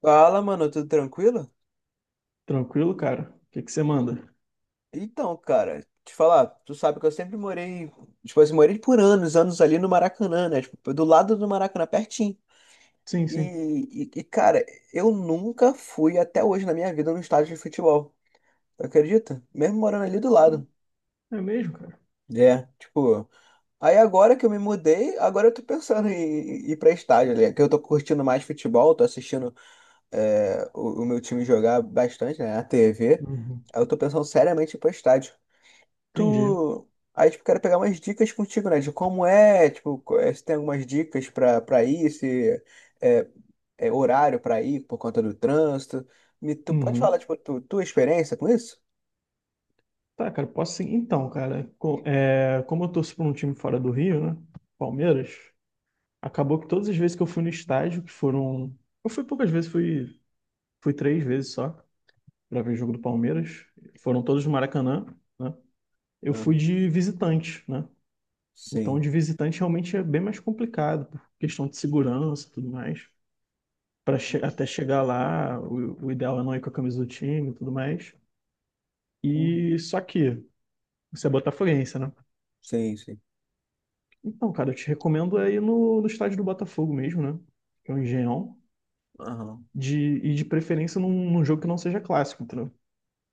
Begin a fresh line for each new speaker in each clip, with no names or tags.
Fala, mano, tudo tranquilo?
Tranquilo, cara? O que que você manda?
Então, cara, te falar, tu sabe que eu sempre morei, tipo assim, morei por anos, anos ali no Maracanã, né? Tipo, do lado do Maracanã, pertinho.
Sim,
E,
sim.
e, e, cara, eu nunca fui até hoje na minha vida no estádio de futebol. Tu acredita? Mesmo morando ali do lado.
É mesmo, cara?
É, tipo. Aí agora que eu me mudei, agora eu tô pensando em ir pra estádio, né? Que eu tô curtindo mais futebol, tô assistindo o meu time jogar bastante, né? A TV.
Uhum.
Aí eu tô pensando seriamente em ir pro estádio.
Entendi.
Tu. Aí, tipo, quero pegar umas dicas contigo, né? De como é, tipo, se tem algumas dicas pra ir, se é, é horário pra ir por conta do trânsito. Me, tu pode falar,
Uhum.
tipo, tu, tua experiência com isso?
Tá, cara, posso sim. Então, cara, como eu torço para um time fora do Rio, né? Palmeiras, acabou que todas as vezes que eu fui no estádio, que foram. Eu fui poucas vezes, fui três vezes só para ver jogo do Palmeiras. Foram todos no Maracanã, né? Eu fui
Aham.
de visitante, né? Então,
Sim.
de visitante realmente é bem mais complicado, por questão de segurança e tudo mais. Para até chegar lá, o ideal é não ir com a camisa do time e tudo mais.
Uhum.
E só que você é botafoguense, né?
Sim, sim.
Então, cara, eu te recomendo é ir no estádio do Botafogo mesmo, né? Que é o Engenhão.
Aham.
De, de preferência num jogo que não seja clássico, entendeu?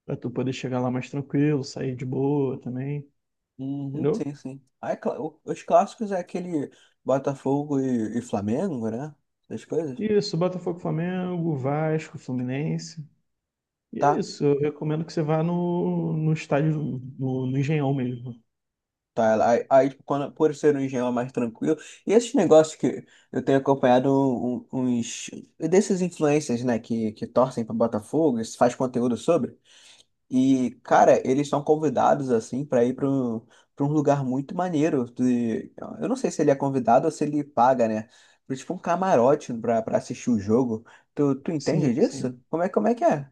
Pra tu poder chegar lá mais tranquilo, sair de boa também,
Uhum,
entendeu?
sim, sim. Aí, os clássicos é aquele Botafogo e, Flamengo, né? Essas coisas.
Isso, Botafogo, Flamengo, Vasco, Fluminense. E é
Tá?
isso, eu recomendo que você vá no estádio, no Engenhão mesmo.
Tá, ela aí, aí, tipo, quando, por ser um engenho mais tranquilo, e esses negócios que eu tenho acompanhado uns desses influencers, né, que torcem para Botafogo, e faz conteúdo sobre, e, cara, eles são convidados, assim, para ir pra um lugar muito maneiro, eu não sei se ele é convidado ou se ele paga, né, pra, tipo um camarote para assistir o jogo, tu
Sim,
entende
sim.
disso? Como é que é?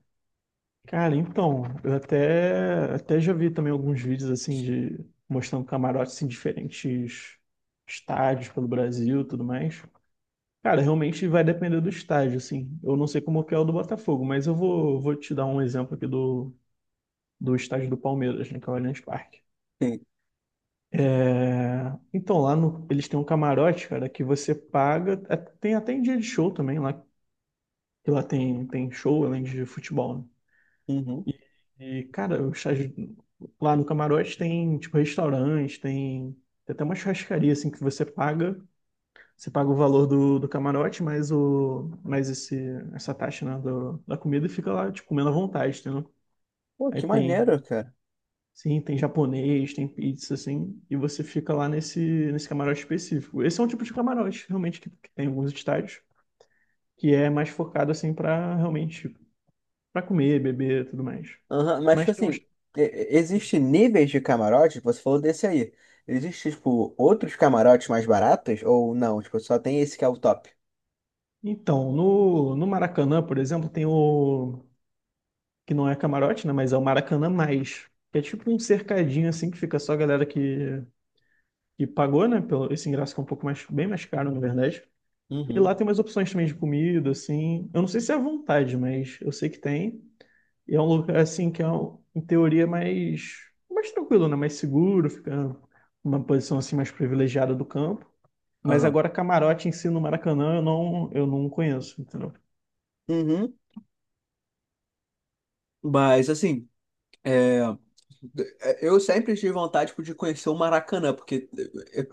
Cara, então, eu até já vi também alguns vídeos assim de mostrando camarotes em diferentes estádios pelo Brasil, e tudo mais. Cara, realmente vai depender do estádio, assim. Eu não sei como que é o do Botafogo, mas eu vou te dar um exemplo aqui do estádio do Palmeiras, né, que é o Allianz Parque.
Sim.
Então, lá no- eles têm um camarote, cara, que você paga. Tem até em dia de show também lá, que lá tem show além de futebol, né?
Uhum.
E, cara, lá no camarote tem, tipo, restaurante, tem até uma churrascaria, assim, que você paga. Você paga o valor do camarote, mais, mais esse, essa taxa, né, da comida e fica lá, tipo, comendo à vontade, entendeu?
Pô,
Aí
que
tem,
maneiro, cara.
sim, tem japonês, tem pizza, assim, e você fica lá nesse camarote específico. Esse é um tipo de camarote, realmente, que tem em alguns estádios, que é mais focado, assim, pra realmente, pra comer, beber e tudo mais.
Aham, mas, tipo
Mas tem uns.
assim, e- existe níveis de camarote, você falou desse aí. Existe, tipo, outros camarotes mais baratos ou não? Tipo, só tem esse que é o top.
Então, no Maracanã, por exemplo, tem o. Que não é camarote, né? Mas é o Maracanã Mais. Que é tipo um cercadinho assim que fica só a galera que pagou, né? Pelo, esse ingresso que é um pouco mais, bem mais caro, na verdade. E
Uhum.
lá tem umas opções também de comida, assim. Eu não sei se é à vontade, mas eu sei que tem. E é um lugar assim que é, em teoria, mais tranquilo, né? Mais seguro, fica uma posição assim mais privilegiada do campo. Mas
Aham.
agora camarote em si no Maracanã eu não conheço, entendeu?
Uhum. Mas assim, é, eu sempre tive vontade, tipo, de conhecer o Maracanã, porque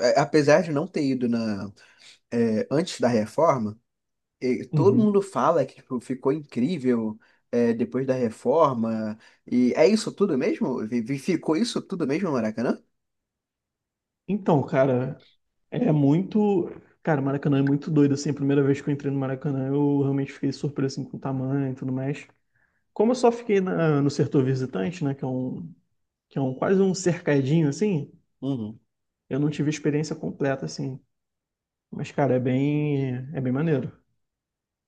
é, apesar de não ter ido na, é, antes da reforma, e todo
Uhum.
mundo fala que tipo, ficou incrível é, depois da reforma. E é isso tudo mesmo? Ficou isso tudo mesmo no Maracanã?
Então, cara, é muito. Cara, Maracanã é muito doido, assim. A primeira vez que eu entrei no Maracanã, eu realmente fiquei surpreso, assim, com o tamanho e tudo mais. Como eu só fiquei no setor visitante, né, que é um quase um cercadinho, assim,
Uhum.
eu não tive a experiência completa, assim. Mas, cara, é bem maneiro.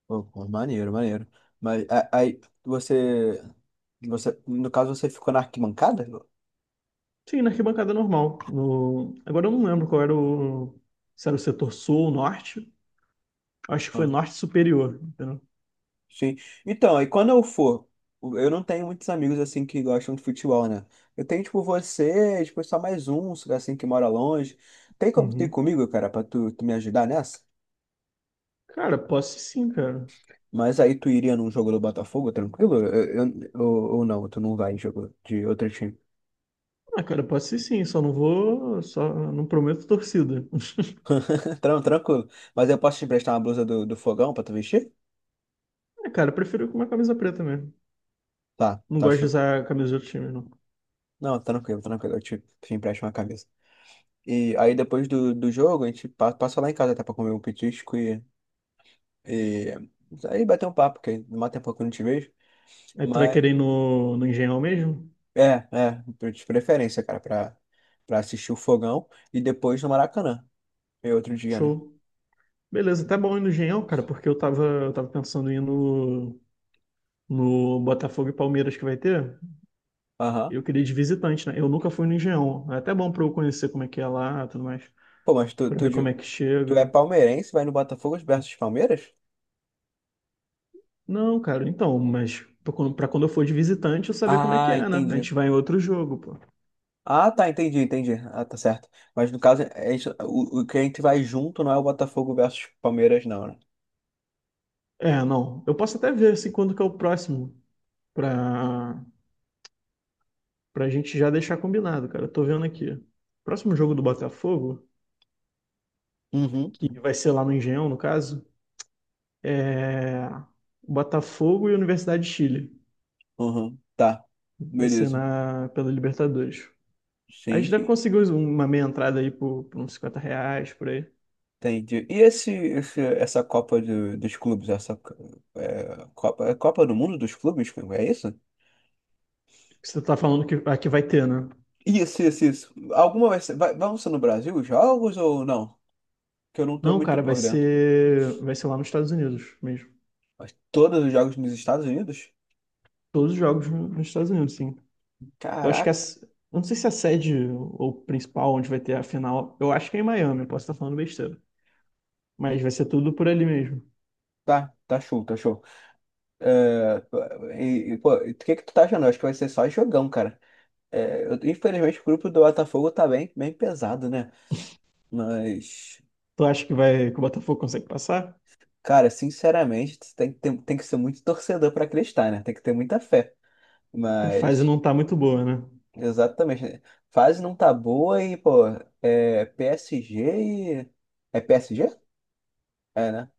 Pô, pô, maneiro, maneiro. Mas aí você, você, no caso, você ficou na arquibancada?
Sim, na arquibancada normal. No... Agora eu não lembro qual era o. Se era o setor sul ou norte. Acho que foi
Ah,
norte superior, entendeu?
sim. Então, aí quando eu for, eu não tenho muitos amigos assim que gostam de futebol, né? Eu tenho tipo você, tipo só mais um, assim que mora longe. Tem como ter
Uhum.
comigo, cara, tu me ajudar nessa?
Cara, posso sim, cara.
Mas aí tu iria num jogo do Botafogo, tranquilo? Ou, não, tu não vai em jogo de outro time.
Ah, cara, pode ser sim, só não vou. Só não prometo torcida.
Tranquilo. Mas eu posso te emprestar uma blusa do Fogão pra tu vestir?
É, cara, eu prefiro com uma camisa preta mesmo.
Tá,
Não
tá
gosto de
show.
usar a camisa de outro time, não.
Não, tranquilo, tranquilo. Eu te empresto uma camisa. E aí depois do jogo, a gente passa lá em casa até pra comer um petisco e aí bater um papo, porque não mata tempo que eu não te vejo.
Aí tu vai
Mas
querer ir no Engenhão mesmo?
é, é, de preferência, cara, pra, pra assistir o fogão e depois no Maracanã. E outro dia, né?
Show. Beleza, até bom ir no Engenhão, cara, porque eu tava pensando em ir no Botafogo e Palmeiras que vai ter.
Aham.
Eu queria ir de visitante, né? Eu nunca fui no Engenhão. É até bom pra eu conhecer como é que é lá e tudo mais.
Pô, mas
Pra ver como é que
tu é
chega.
palmeirense, vai no Botafogo versus Palmeiras?
Não, cara, então, mas pra quando eu for de visitante, eu saber como é que
Ah,
é, né? A
entendi.
gente vai em outro jogo, pô.
Ah, tá, entendi, entendi. Ah, tá certo. Mas no caso, é isso, o que a gente vai junto não é o Botafogo versus Palmeiras, não, né?
É, não. Eu posso até ver assim quando que é o próximo pra pra gente já deixar combinado, cara. Eu tô vendo aqui. Próximo jogo do Botafogo,
Uhum.
que vai ser lá no Engenhão, no caso, é Botafogo e Universidade de Chile.
Uhum. Tá.
Vai ser
Beleza.
na pela Libertadores. A
Sim,
gente deve
sim.
conseguir uma meia entrada aí por uns R$ 50, por aí.
Entendi. E essa Copa dos Clubes, essa Copa, é Copa do Mundo dos Clubes, é isso?
Você tá falando que aqui vai ter, né?
Isso, isso, isso. Alguma vai ser, vai, vão ser no Brasil os jogos ou não? Que eu não tô
Não,
muito
cara, vai
por dentro.
ser vai ser lá nos Estados Unidos mesmo.
Todos os jogos nos Estados Unidos?
Todos os jogos nos Estados Unidos, sim. Eu acho que a,
Caraca.
s- eu não sei se a sede ou principal onde vai ter a final, eu acho que é em Miami, eu posso estar falando besteira, mas vai ser tudo por ali mesmo.
Tá, tá show, tá show. É, e, pô, o que que tu tá achando? Eu acho que vai ser só jogão, cara. É, infelizmente o grupo do Botafogo tá bem, bem pesado, né? Mas
Tu acha que vai que o Botafogo consegue passar?
cara, sinceramente, tu tem, que ter- tem que ser muito torcedor pra acreditar, né? Tem que ter muita fé.
Que a fase
Mas,
não tá muito boa, né?
exatamente, né? Fase não tá boa e, pô, é PSG e. É PSG? É, né?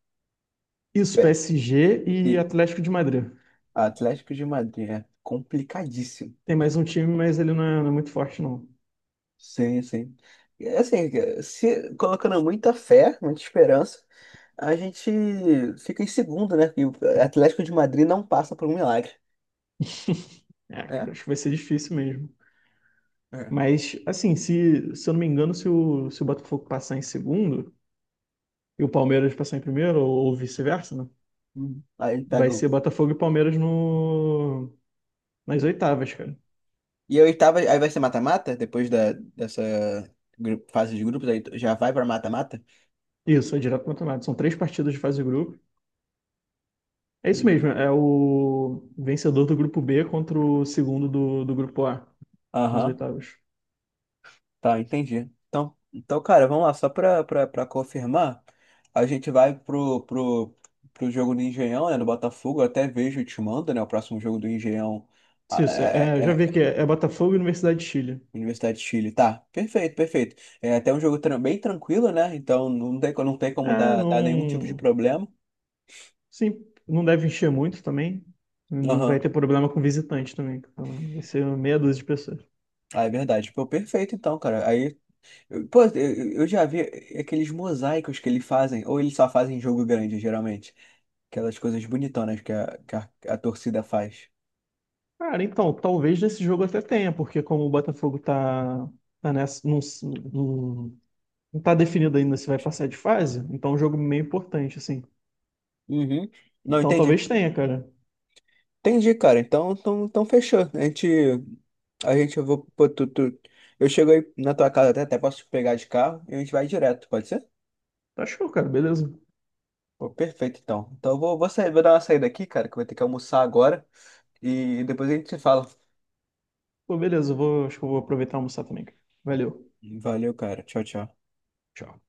Isso,
É,
PSG e
e
Atlético de Madrid.
Atlético de Madrid é complicadíssimo.
Tem mais um time, mas ele não é muito forte, não.
Sim, sim. E, assim, se colocando muita fé, muita esperança, a gente fica em segundo, né? E o Atlético de Madrid não passa por um milagre,
É, cara,
né?
acho que vai ser difícil mesmo.
É.
Mas, assim, se eu não me engano, se o Botafogo passar em segundo e o Palmeiras passar em primeiro, ou vice-versa, né?
Aí ele
Vai
pega o
ser Botafogo e Palmeiras no, nas oitavas, cara.
E a oitava, aí vai ser mata-mata? Depois da, dessa fase de grupos, aí já vai pra mata-mata?
Isso, é direto campeonato. São três partidas de fase de grupo. É isso
Hum.
mesmo, é o vencedor do grupo B contra o segundo do grupo A, nas
Aham,
oitavas.
tá, entendi. Então, então, cara, vamos lá, só pra confirmar, a gente vai pro jogo do Engenhão, né, do Botafogo, eu até vejo e te mando, né, o próximo jogo do Engenhão ah,
Isso, é, já
é,
vi
é
que é Botafogo e Universidade de Chile.
Universidade de Chile, tá? Perfeito, perfeito. É até um jogo bem tranquilo, né, então não tem, não tem como
É,
dar nenhum tipo de
não.
problema.
Sim, não deve encher muito também. Não vai
Aham.
ter problema com visitante também. Então, vai ser meia dúzia de pessoas.
Ah, é verdade. Pô, perfeito então, cara. Aí pô, eu já vi aqueles mosaicos que eles fazem, ou eles só fazem em jogo grande, geralmente. Aquelas coisas bonitonas a torcida faz.
Cara, então, talvez nesse jogo até tenha, porque como o Botafogo tá, nessa. Não, não, não tá definido ainda se vai passar de fase, então é um jogo meio importante, assim.
Uhum. Não,
Então
entendi.
talvez tenha, cara.
Entendi, cara. Então, então, então fechou. A gente, eu vou, pô, eu chego aí na tua casa até posso te pegar de carro e a gente vai direto, pode ser?
Tá show, cara. Beleza.
Pô, perfeito, então. Então eu vou, vou sair, vou dar uma saída aqui, cara, que eu vou ter que almoçar agora e depois a gente se fala.
Pô, beleza. Acho que eu vou aproveitar e almoçar também, cara. Valeu.
Valeu, cara. Tchau, tchau.
Tchau.